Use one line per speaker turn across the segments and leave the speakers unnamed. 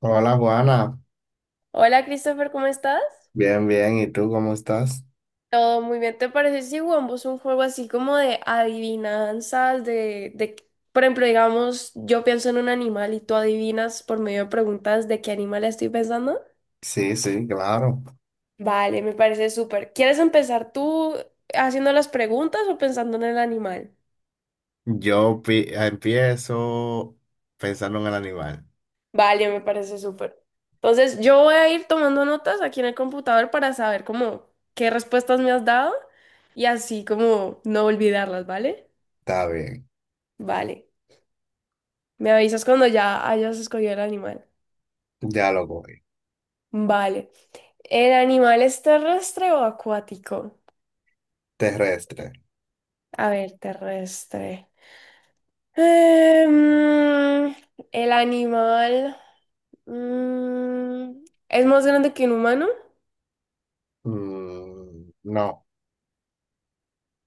Hola Juana,
Hola Christopher, ¿cómo estás?
bien, bien, ¿y tú cómo estás?
Todo muy bien. ¿Te parece si jugamos un juego así como de adivinanzas, por ejemplo, digamos, yo pienso en un animal y tú adivinas por medio de preguntas de qué animal estoy pensando?
Sí, sí, claro.
Vale, me parece súper. ¿Quieres empezar tú haciendo las preguntas o pensando en el animal?
Empiezo pensando en el animal.
Vale, me parece súper. Entonces, yo voy a ir tomando notas aquí en el computador para saber cómo qué respuestas me has dado y así como no olvidarlas, ¿vale?
Está bien,
Vale. Me avisas cuando ya hayas escogido el animal.
ya lo voy.
Vale. ¿El animal es terrestre o acuático?
Terrestre.
A ver, terrestre. Em, el animal, es más grande que un humano.
Mm, no,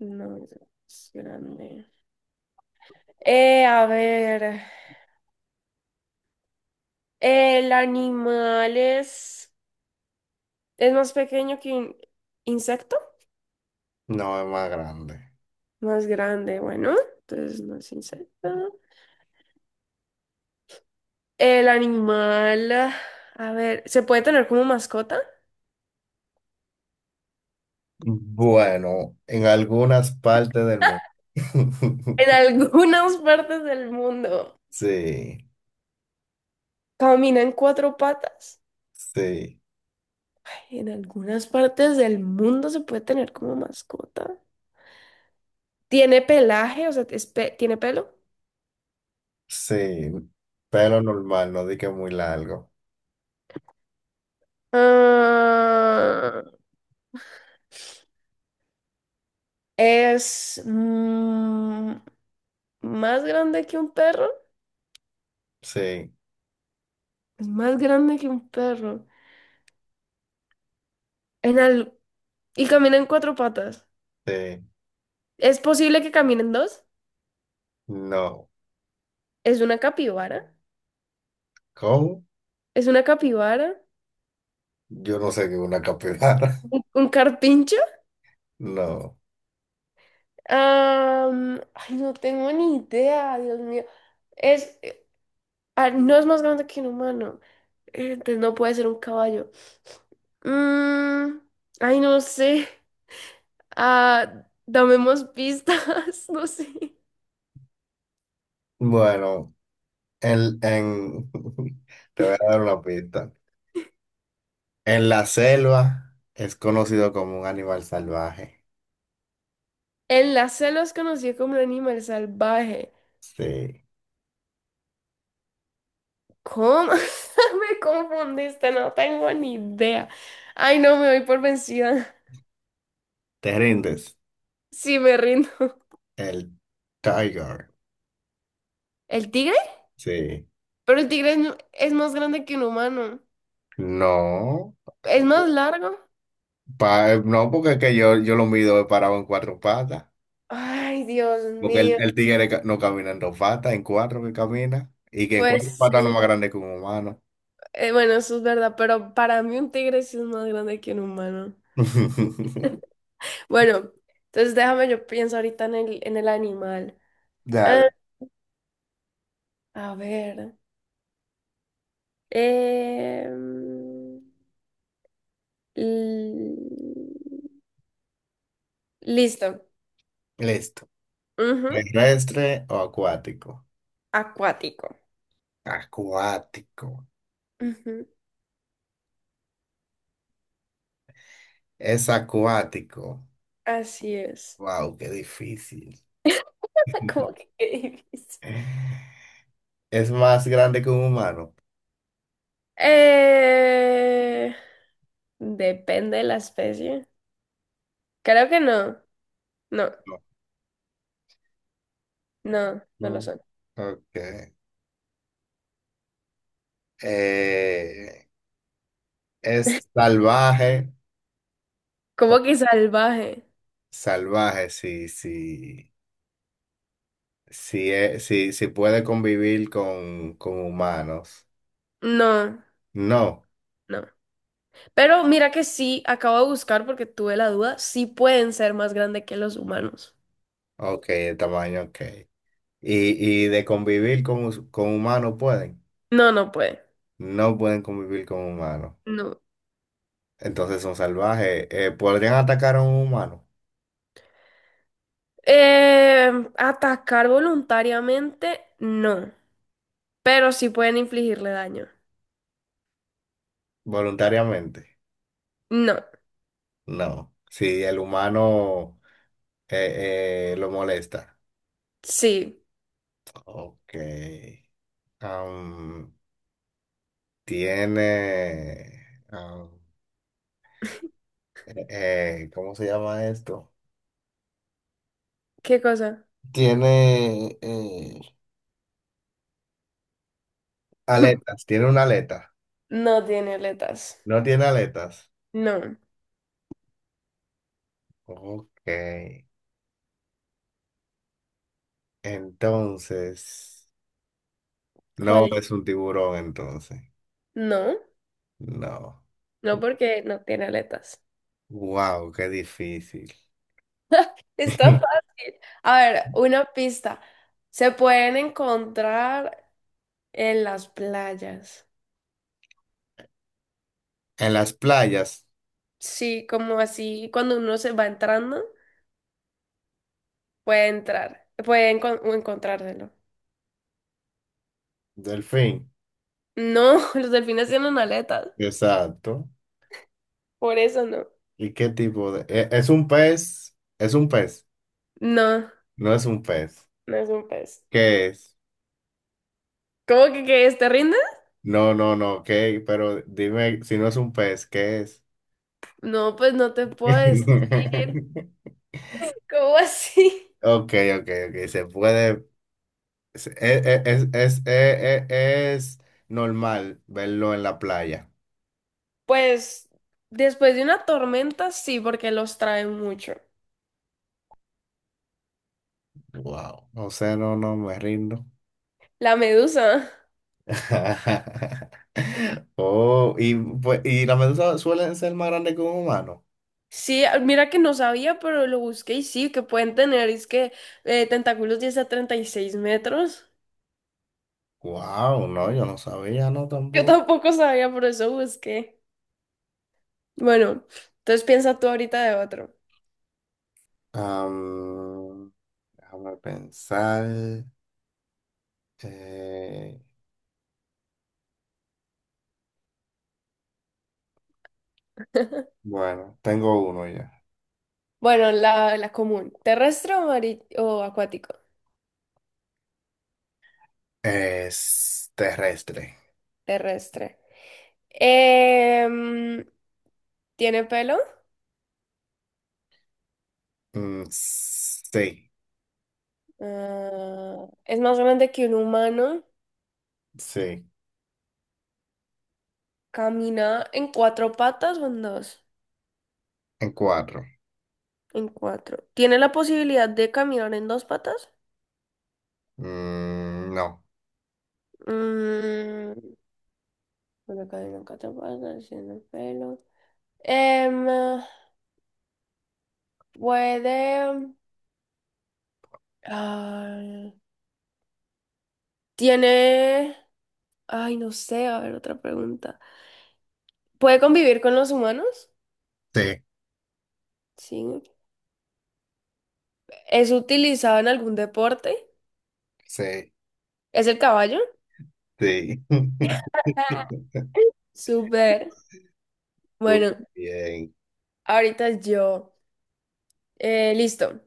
No es más grande. A ver, el animal es más pequeño que un insecto,
no es más grande.
más grande. Bueno, entonces no es insecto. El animal, a ver, ¿se puede tener como mascota?
Bueno, en algunas partes del mundo.
En algunas partes del mundo.
Sí,
Camina en cuatro patas.
sí,
En algunas partes del mundo se puede tener como mascota. ¿Tiene pelaje? O sea, ¿tiene pelo?
sí, pero normal, no di que muy largo.
Ah, es, más grande que un perro.
Sí,
Es más grande que un perro. En al- Y camina en cuatro patas.
sí,
¿Es posible que caminen dos?
no.
¿Es una capibara?
¿Cómo?
¿Es una capibara?
Yo no sé qué es una capibara.
¿¿Un carpincho?
No.
Ay, no tengo ni idea, Dios mío. Es, eh, no es más grande que un humano. Entonces no puede ser un caballo. Mm, ay, no sé. Damemos pistas, no sé.
Bueno, en... te voy a dar una pista. En la selva es conocido como un animal salvaje.
En la selva es conocido como un animal salvaje.
Sí.
¿Cómo? Me confundiste, no tengo ni idea. Ay, no, me voy por vencida.
¿Te rindes?
Sí, me rindo.
El tiger.
¿El tigre?
Sí.
Pero el tigre es más grande que un humano.
No.
¿Es más largo?
No, porque es que yo lo mido parado en 4 patas.
Ay, Dios
Porque el,
mío.
el tigre no camina en 2 patas, en 4 que camina. Y que en cuatro
Pues
patas no es
sí.
más grande que un humano.
Bueno, eso es verdad, pero para mí un tigre sí es más grande que un humano. Bueno, entonces déjame, yo pienso ahorita en el animal. Ah,
Dale.
a ver. Em, l- Listo.
Listo.
Ujú.
¿Terrestre o acuático?
Acuático.
Acuático.
Ujú.
Es acuático.
Así es.
Wow, qué difícil.
¿Cómo que qué difícil?
¿Es más grande que un humano?
Eh, Depende de la especie. Creo que no. No,
No.
no, no lo
No.
son.
Ok. Eh, ¿Es salvaje? O-
¿Cómo que salvaje?
Salvaje, sí, sí. Sí, sí, sí puede convivir con humanos.
No,
No.
no. Pero mira que sí, acabo de buscar porque tuve la duda, sí pueden ser más grandes que los humanos.
Ok, el tamaño, ok. ¿Y de convivir con, con humanos pueden?
No, no puede.
No pueden convivir con humanos.
No.
Entonces son salvajes. ¿Podrían atacar a un humano
Eh, Atacar voluntariamente, no. Pero sí pueden infligirle daño.
voluntariamente?
No.
No. Si el humano lo molesta.
Sí.
Ok. Am, Tiene... ¿cómo se llama esto?
¿Qué cosa?
Tiene aletas. Tiene una aleta.
No tiene aletas.
No tiene aletas.
No.
Ok. Entonces... no
¿Cuál?
es un tiburón entonces.
No.
No.
No porque no tiene aletas.
Wow, qué difícil.
Está fácil. A ver, una pista. Se pueden encontrar en las playas.
En las playas,
Sí, como así, cuando uno se va entrando, puede entrar, puede encontrárselo.
delfín,
No, los delfines tienen aletas,
exacto.
por eso no.
¿Y qué tipo de...? ¿Es un pez? ¿Es un pez?
No,
No es un pez.
no es un pez.
¿Qué es?
¿Cómo que es? ¿Te rindes?
No, no, no, ¿qué? Pero dime, si no es un pez, ¿qué es?
No, pues no te puedo decir. ¿Cómo así?
Ok, ok, ok, se puede... es, es normal verlo en la playa.
Pues después de una tormenta, sí, porque los traen mucho.
Wow. O sea, no, no, me rindo.
La medusa.
Oh, y, pues, y las medusas suelen ser más grandes que un humano.
Sí, mira que no sabía, pero lo busqué y sí, que pueden tener, es que tentáculos 10 a 36 metros.
Wow, no, yo no sabía, no
Yo
tampoco.
tampoco sabía, por eso busqué. Bueno, entonces piensa tú ahorita de otro.
Am, Déjame pensar. Eh, bueno, tengo uno ya.
Bueno, la común, terrestre o acuático,
Es terrestre.
terrestre. Em, ¿Tiene pelo?
Mm, sí,
¿Es más grande que un humano?
sí.
¿Camina en cuatro patas o en dos?
En cuatro.
En cuatro. ¿Tiene la posibilidad de caminar en dos patas?
Mm, no.
Mm, pero que en te pasa, sin pelo. Em, Puede. ah, Tiene. Ay, no sé, a ver, otra pregunta. ¿Puede convivir con los humanos?
Sí,
Sí. ¿Es utilizado en algún deporte?
sí,
¿Es el caballo?
sí.
Ah. Súper.
Muy
Bueno,
bien.
ahorita yo. Listo.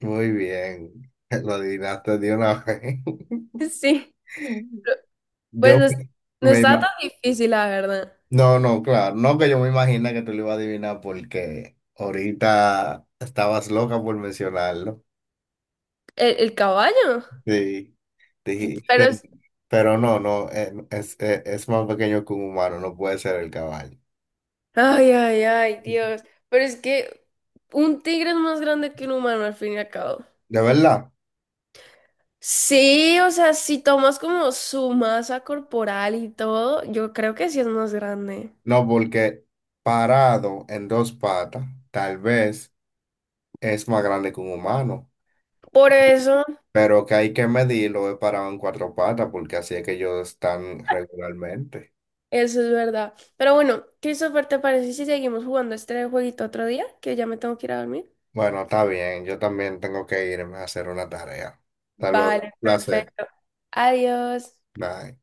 Muy bien, lo adivinaste de una vez.
Sí. Pues
Yo
no, no
me
estaba
ima-
tan difícil, la verdad.
No, no, claro, no que yo me imagina que tú lo ibas a adivinar porque ahorita estabas loca por mencionarlo.
El caballo.
Sí,
Pero
dijiste, pero no, no, es más pequeño que un humano, no puede ser el caballo.
ay, ay, ay, Dios. Pero es que un tigre es más grande que un humano al fin y al cabo.
¿De verdad?
Sí, o sea, si tomas como su masa corporal y todo, yo creo que sí es más grande.
No, porque parado en 2 patas, tal vez es más grande que un humano.
Por eso,
Pero que hay que medirlo, he parado en 4 patas porque así es que ellos están regularmente.
eso es verdad. Pero bueno, Christopher, ¿te parece si seguimos jugando este jueguito otro día? Que ya me tengo que ir a dormir.
Bueno, está bien, yo también tengo que irme a hacer una tarea. Hasta luego,
Vale,
placer.
perfecto. Adiós.
Bye.